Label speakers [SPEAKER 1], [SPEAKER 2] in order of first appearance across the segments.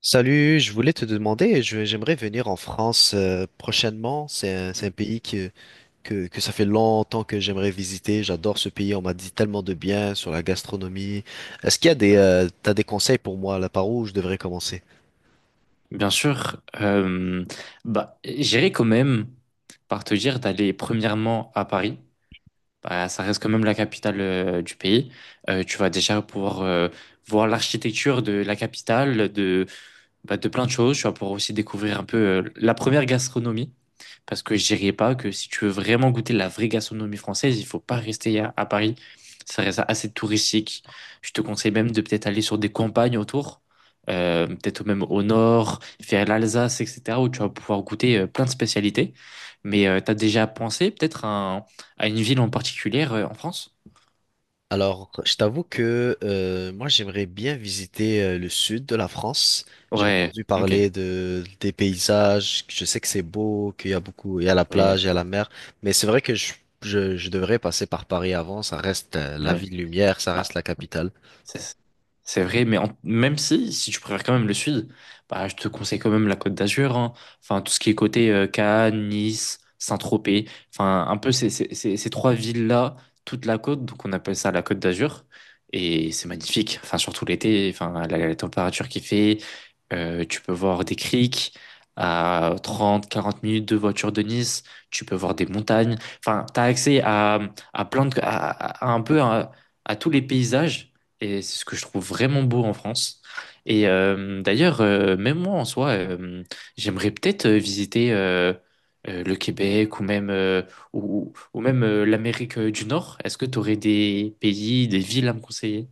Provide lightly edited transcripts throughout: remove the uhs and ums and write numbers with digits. [SPEAKER 1] Salut, je voulais te demander, j'aimerais venir en France prochainement. C'est
[SPEAKER 2] Mmh.
[SPEAKER 1] un pays que ça fait longtemps que j'aimerais visiter. J'adore ce pays, on m'a dit tellement de bien sur la gastronomie. Est-ce qu'il y a
[SPEAKER 2] Ouais.
[SPEAKER 1] t'as des conseils pour moi là, par où je devrais commencer?
[SPEAKER 2] Bien sûr, bah, j'irai quand même par te dire d'aller premièrement à Paris. Bah, ça reste quand même la capitale du pays. Tu vas déjà pouvoir voir l'architecture de la capitale, de bah, de plein de choses. Tu vas pouvoir aussi découvrir un peu la première gastronomie. Parce que je dirais pas que si tu veux vraiment goûter la vraie gastronomie française, il faut pas rester à Paris. Ça reste assez touristique. Je te conseille même de peut-être aller sur des campagnes autour, peut-être même au nord, vers l'Alsace, etc., où tu vas pouvoir goûter plein de spécialités. Mais t'as déjà pensé peut-être un- à une ville en particulier en France?
[SPEAKER 1] Alors, je t'avoue que moi, j'aimerais bien visiter le sud de la France. J'ai
[SPEAKER 2] Ouais,
[SPEAKER 1] entendu
[SPEAKER 2] ok.
[SPEAKER 1] parler de des paysages. Je sais que c'est beau, qu'il y a beaucoup, il y a la
[SPEAKER 2] Oui, ouais.
[SPEAKER 1] plage, il y a la mer. Mais c'est vrai que je devrais passer par Paris avant. Ça reste la
[SPEAKER 2] Bah,
[SPEAKER 1] ville lumière, ça reste la capitale.
[SPEAKER 2] C'est c'est vrai, mais même si tu préfères quand même le sud, bah, je te conseille quand même la Côte d'Azur, hein. Enfin, tout ce qui est côté Cannes, Nice, Saint-Tropez, enfin, un peu ces trois villes-là, toute la côte, donc on appelle ça la Côte d'Azur, et c'est magnifique, enfin, surtout l'été, enfin, la température qui fait, tu peux voir des criques à 30 40 minutes de voiture de Nice, tu peux voir des montagnes, enfin, tu as accès à plein de, à un peu à tous les paysages et c'est ce que je trouve vraiment beau en France. Et d'ailleurs, même moi en soi, j'aimerais peut-être visiter le Québec ou même l'Amérique du Nord. Est-ce que tu aurais des pays, des villes à me conseiller?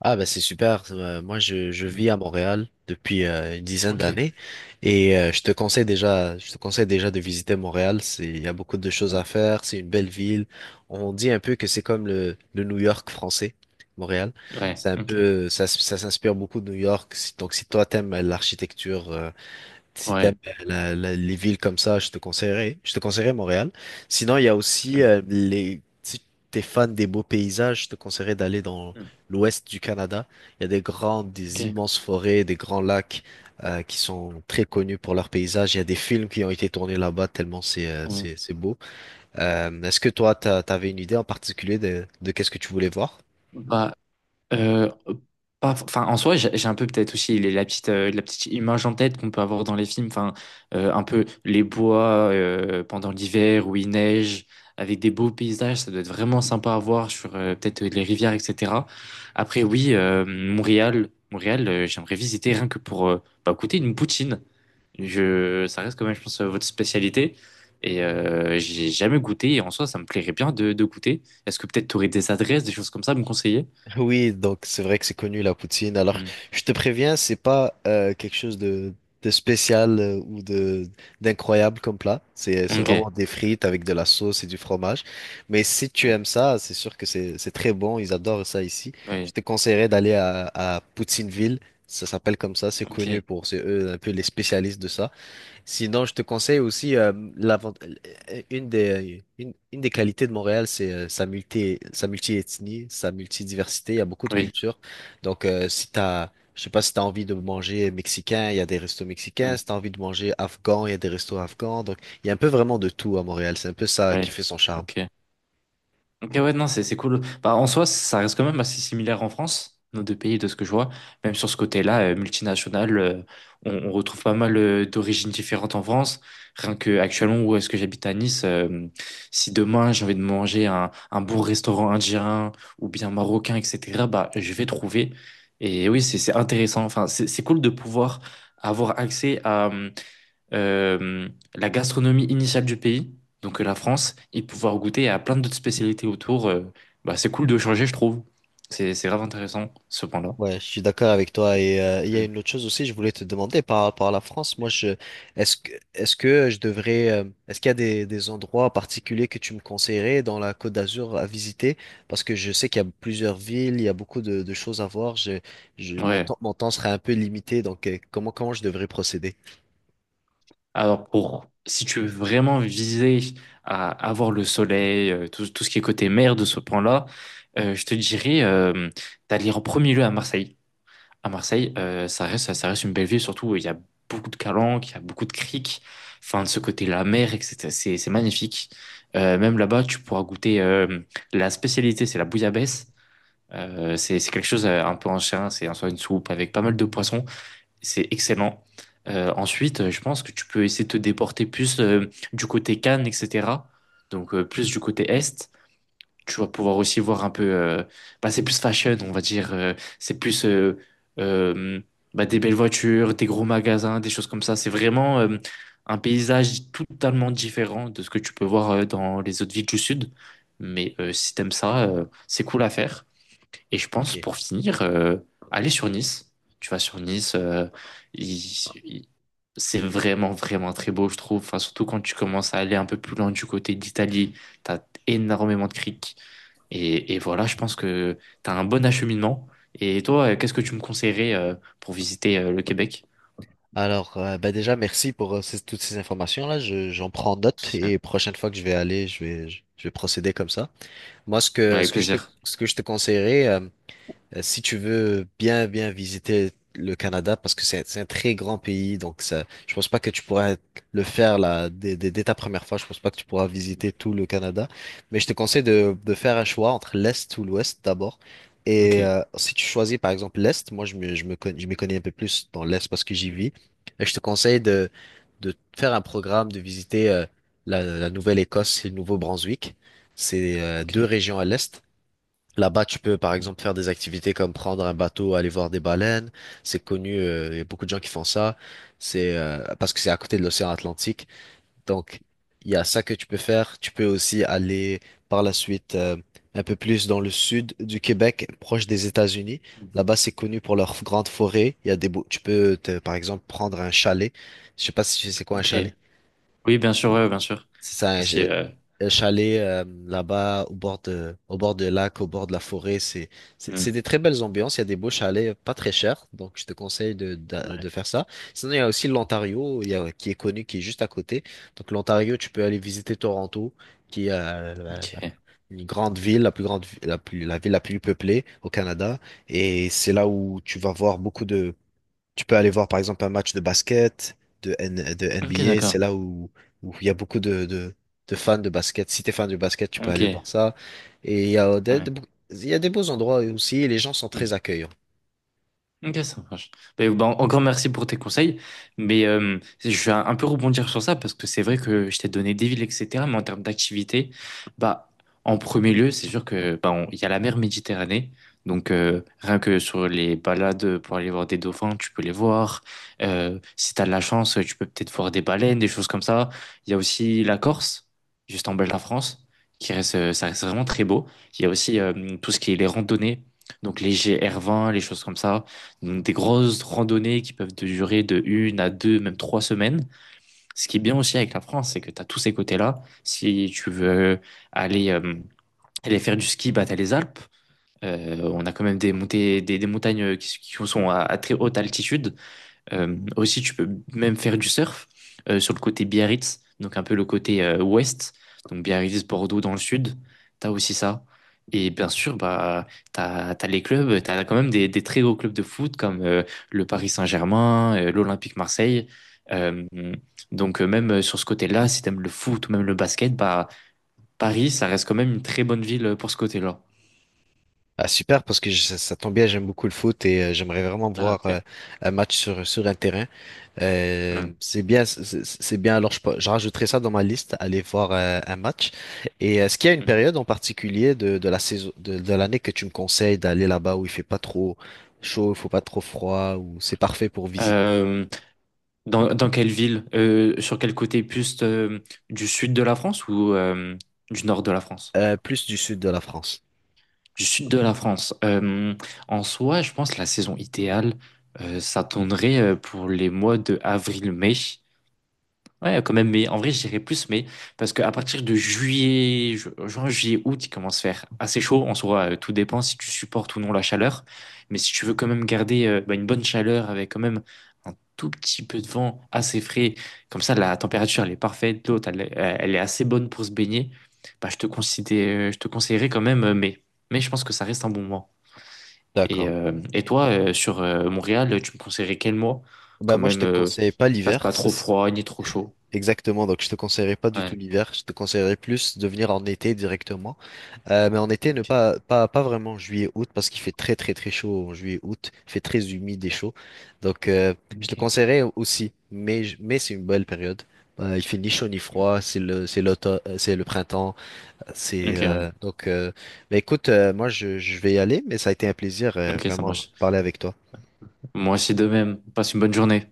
[SPEAKER 1] Ah bah c'est super. Je
[SPEAKER 2] Mm.
[SPEAKER 1] vis à Montréal depuis une dizaine
[SPEAKER 2] Ok.
[SPEAKER 1] d'années et je te conseille déjà de visiter Montréal. C'est il y a beaucoup de choses
[SPEAKER 2] Ouais.
[SPEAKER 1] à faire. C'est une belle ville. On dit un peu que c'est comme le New York français. Montréal,
[SPEAKER 2] Ouais.
[SPEAKER 1] c'est un
[SPEAKER 2] Ok.
[SPEAKER 1] peu ça, ça s'inspire beaucoup de New York. Donc si toi t'aimes l'architecture si
[SPEAKER 2] Ouais.
[SPEAKER 1] t'aimes les villes comme ça, je te conseillerais Montréal. Sinon, il y a aussi
[SPEAKER 2] Mm.
[SPEAKER 1] si t'es fan des beaux paysages, je te conseillerais d'aller dans
[SPEAKER 2] Mm.
[SPEAKER 1] l'ouest du Canada. Il y a
[SPEAKER 2] Ok.
[SPEAKER 1] des immenses forêts, des grands lacs qui sont très connus pour leurs paysages. Il y a des films qui ont été tournés là-bas tellement
[SPEAKER 2] Mm.
[SPEAKER 1] c'est beau. Est-ce que toi, t'avais une idée en particulier de qu'est-ce que tu voulais voir?
[SPEAKER 2] Bah, Euh, pas, enfin, en soi, j'ai un peu peut-être aussi la petite image en tête qu'on peut avoir dans les films, enfin, un peu les bois pendant l'hiver où il neige, avec des beaux paysages, ça doit être vraiment sympa à voir sur peut-être les rivières, etc. Après, oui, Montréal, j'aimerais visiter rien que pour bah, goûter une poutine. Ça reste quand même, je pense, votre spécialité. Et j'ai jamais goûté, et en soi, ça me plairait bien de goûter. Est-ce que peut-être tu aurais des adresses, des choses comme ça à me conseiller?
[SPEAKER 1] Oui, donc c'est vrai que c'est connu la poutine. Alors,
[SPEAKER 2] Hmm.
[SPEAKER 1] je te préviens, c'est pas quelque chose de spécial ou de d'incroyable comme plat. C'est
[SPEAKER 2] Ok.
[SPEAKER 1] vraiment des frites avec de la sauce et du fromage. Mais si tu
[SPEAKER 2] Mm.
[SPEAKER 1] aimes ça, c'est sûr que c'est très bon. Ils adorent ça ici. Je
[SPEAKER 2] Oui.
[SPEAKER 1] te conseillerais d'aller à Poutineville. Ça s'appelle comme ça. C'est
[SPEAKER 2] Ok.
[SPEAKER 1] connu pour c'est eux un peu les spécialistes de ça. Sinon, je te conseille aussi une une des qualités de Montréal, c'est sa multi-ethnie, sa multidiversité. Il y a beaucoup de
[SPEAKER 2] Oui.
[SPEAKER 1] cultures. Donc, si t'as je sais pas si t'as envie de manger mexicain, il y a des restos mexicains.
[SPEAKER 2] Mm.
[SPEAKER 1] Si t'as envie de manger afghan, il y a des restos afghans. Donc, il y a un peu vraiment de tout à Montréal. C'est un peu ça
[SPEAKER 2] Oui.
[SPEAKER 1] qui fait son charme.
[SPEAKER 2] Ok. Ok, ouais, non, c'est cool. Bah, en soi, ça reste quand même assez similaire en France, nos deux pays, de ce que je vois. Même sur ce côté-là, multinational, on retrouve pas mal d'origines différentes en France. Rien que actuellement, où est-ce que j'habite à Nice, si demain j'ai envie de manger un bon restaurant indien ou bien marocain, etc., bah, je vais trouver. Et oui, c'est intéressant. Enfin, c'est cool de pouvoir avoir accès à. euh, la gastronomie initiale du pays, donc la France, et pouvoir goûter à plein d'autres spécialités autour. Bah, c'est cool de changer, je trouve. C'est grave intéressant, ce point-là.
[SPEAKER 1] Ouais, je suis d'accord avec toi. Et il y a
[SPEAKER 2] Mm.
[SPEAKER 1] une autre chose aussi, je voulais te demander par rapport à la France. Moi, je est-ce que je devrais est-ce qu'il y a des endroits particuliers que tu me conseillerais dans la Côte d'Azur à visiter? Parce que je sais qu'il y a plusieurs villes, il y a beaucoup de choses à voir.
[SPEAKER 2] Ouais.
[SPEAKER 1] Mon temps serait un peu limité, donc comment je devrais procéder?
[SPEAKER 2] Alors, si tu veux vraiment viser à avoir le soleil, tout ce qui est côté mer de ce point-là, je te dirais d'aller en premier lieu à Marseille. À Marseille, ça reste une belle ville, surtout il y a beaucoup de calanques, il y a beaucoup de criques, enfin de ce côté la mer, etc. C'est magnifique. Même là-bas, tu pourras goûter la spécialité, c'est la bouillabaisse. C'est quelque chose un peu ancien, c'est en soi une soupe avec pas mal de poissons. C'est excellent. Ensuite, je pense que tu peux essayer de te déporter plus du côté Cannes, etc. Donc, plus du côté est tu vas pouvoir aussi voir un peu bah, c'est plus fashion on va dire, c'est plus euh, bah, des belles voitures, des gros magasins, des choses comme ça. C'est vraiment un paysage totalement différent de ce que tu peux voir dans les autres villes du sud, mais si t'aimes ça, c'est cool à faire. Et je pense
[SPEAKER 1] Ok.
[SPEAKER 2] pour finir, aller sur Nice, tu vas sur Nice, il- il- c'est vraiment vraiment très beau je trouve, enfin surtout quand tu commences à aller un peu plus loin du côté d'Italie. T'as énormément de criques, et voilà, je pense que tu as un bon acheminement. Et toi, qu'est-ce que tu me conseillerais pour visiter le Québec?
[SPEAKER 1] Alors, ben déjà, merci pour toutes ces informations-là. Je, j'en prends note
[SPEAKER 2] C'est-
[SPEAKER 1] et prochaine fois que je vais aller, je vais procéder comme ça. Moi, ce que,
[SPEAKER 2] Avec
[SPEAKER 1] ce que je te,
[SPEAKER 2] plaisir.
[SPEAKER 1] ce que je te conseillerais, si tu veux bien visiter le Canada, parce que c'est un très grand pays, donc ça, je pense pas que tu pourras le faire dès ta première fois. Je pense pas que tu pourras visiter tout le Canada. Mais je te conseille de faire un choix entre l'Est ou l'Ouest d'abord.
[SPEAKER 2] Ok,
[SPEAKER 1] Et si tu choisis par exemple l'Est, je me connais, je m'y connais un peu plus dans l'Est parce que j'y vis. Et je te conseille de faire un programme, de visiter la Nouvelle-Écosse et le Nouveau-Brunswick. C'est
[SPEAKER 2] ok,
[SPEAKER 1] deux régions à l'Est. Là-bas, tu peux par
[SPEAKER 2] ouais.
[SPEAKER 1] exemple faire des activités comme prendre un bateau, aller voir des baleines. C'est connu, il y a beaucoup de gens qui font ça. C'est parce que c'est à côté de l'océan Atlantique. Donc, il y a ça que tu peux faire. Tu peux aussi aller par la suite un peu plus dans le sud du Québec, proche des États-Unis. Là-bas, c'est connu pour leurs grandes forêts. Il y a par exemple prendre un chalet. Je sais pas si tu sais c'est quoi un
[SPEAKER 2] Ok.
[SPEAKER 1] chalet.
[SPEAKER 2] Oui, bien sûr, ouais, bien sûr.
[SPEAKER 1] C'est ça,
[SPEAKER 2] Aussi,
[SPEAKER 1] un, un chalet là-bas au bord de lac, au bord de la forêt. C'est
[SPEAKER 2] hmm.
[SPEAKER 1] des très belles ambiances. Il y a des beaux chalets, pas très chers. Donc, je te conseille
[SPEAKER 2] Ouais.
[SPEAKER 1] de faire ça. Sinon, il y a aussi l'Ontario, qui est connu, qui est juste à côté. Donc, l'Ontario, tu peux aller visiter Toronto, qui est
[SPEAKER 2] Ok,
[SPEAKER 1] une grande ville, la plus grande, vi- la plus, la ville la plus peuplée au Canada. Et c'est là où tu vas voir beaucoup de tu peux aller voir par exemple un match de basket, de
[SPEAKER 2] ok,
[SPEAKER 1] NBA,
[SPEAKER 2] d'accord.
[SPEAKER 1] c'est là où il y a beaucoup de fans de basket. Si tu es fan de basket, tu peux
[SPEAKER 2] Ok,
[SPEAKER 1] aller voir ça. Et
[SPEAKER 2] ouais.
[SPEAKER 1] il y a des beaux endroits aussi et les gens sont
[SPEAKER 2] Hmm.
[SPEAKER 1] très accueillants.
[SPEAKER 2] Ok, ça marche. Ben, encore merci pour tes conseils. Mais je vais un peu rebondir sur ça parce que c'est vrai que je t'ai donné des villes, etc. Mais en termes d'activité, bah, en premier lieu, c'est sûr que bah, il y a la mer Méditerranée. Donc rien que sur les balades pour aller voir des dauphins, tu peux les voir. Si tu as de la chance, tu peux peut-être voir des baleines, des choses comme ça. Il y a aussi la Corse, juste en bas de la France, qui reste, ça reste vraiment très beau. Il y a aussi tout ce qui est les randonnées, donc les GR20, les choses comme ça. Donc, des grosses randonnées qui peuvent te durer de 1 à 2, même 3 semaines. Ce qui est bien aussi avec la France, c'est que tu as tous ces côtés-là. Si tu veux aller, euh, aller faire du ski, bah, tu as les Alpes. On a quand même des montées, des montagnes qui sont à très haute altitude. Aussi, tu peux même faire du surf sur le côté Biarritz, donc un peu le côté ouest, donc Biarritz, Bordeaux dans le sud. T'as aussi ça. Et bien sûr, bah, t'as, t'as les clubs, t'as quand même des très gros clubs de foot comme le Paris Saint-Germain, l'Olympique Marseille. Euh, donc, même sur ce côté-là, si t'aimes le foot ou même le basket, bah, Paris, ça reste quand même une très bonne ville pour ce côté-là.
[SPEAKER 1] Ah, super, parce que ça, ça tombe bien, j'aime beaucoup le foot et j'aimerais vraiment
[SPEAKER 2] Ah,
[SPEAKER 1] voir
[SPEAKER 2] ok.
[SPEAKER 1] un match sur un terrain.
[SPEAKER 2] Mm.
[SPEAKER 1] C'est bien, c'est bien. Alors, je rajouterai ça dans ma liste, aller voir un match. Et est-ce qu'il y a une période en particulier de la saison, de l'année que tu me conseilles d'aller là-bas où il fait pas trop chaud, il faut pas trop froid, où c'est parfait pour visiter?
[SPEAKER 2] Euh, dans quelle ville? Sur quel côté? Plus du sud de la France ou du nord de la France?
[SPEAKER 1] Plus du sud de la France.
[SPEAKER 2] Du sud de la France. En soi, je pense que la saison idéale, ça tournerait pour les mois de avril-mai. Ouais, quand même, mais en vrai, je dirais plus, mais parce qu'à partir de juillet, juin, juillet, août, il commence à faire assez chaud. En soi, tout dépend si tu supportes ou non la chaleur. Mais si tu veux quand même garder bah, une bonne chaleur avec quand même un tout petit peu de vent assez frais, comme ça, la température, elle est parfaite, l'eau, elle est assez bonne pour se baigner, bah, je te conseillerais quand même mai. Mais je pense que ça reste un bon mois. Et,
[SPEAKER 1] D'accord.
[SPEAKER 2] euh, et toi, sur Montréal, tu me conseillerais quel mois? Quand
[SPEAKER 1] Ben moi, je
[SPEAKER 2] même,
[SPEAKER 1] te conseille pas
[SPEAKER 2] qu'il fasse pas
[SPEAKER 1] l'hiver. Ça,
[SPEAKER 2] trop froid ni trop chaud.
[SPEAKER 1] exactement. Donc, je te conseillerais pas du tout l'hiver. Je te conseillerais plus de venir en été directement. Mais en été, ne
[SPEAKER 2] Ok,
[SPEAKER 1] pas, pas, pas vraiment juillet-août parce qu'il fait très très très chaud en juillet-août. Il fait très humide et chaud. Donc, je te
[SPEAKER 2] ok,
[SPEAKER 1] conseillerais aussi. Mais c'est une belle période. Il fait ni chaud ni froid. C'est l'automne, c'est le printemps. C'est
[SPEAKER 2] ok, ouais.
[SPEAKER 1] donc. Mais écoute, je vais y aller. Mais ça a été un plaisir
[SPEAKER 2] Ok, ça
[SPEAKER 1] vraiment de
[SPEAKER 2] marche.
[SPEAKER 1] parler avec toi.
[SPEAKER 2] Moi aussi de même. Passe une bonne journée.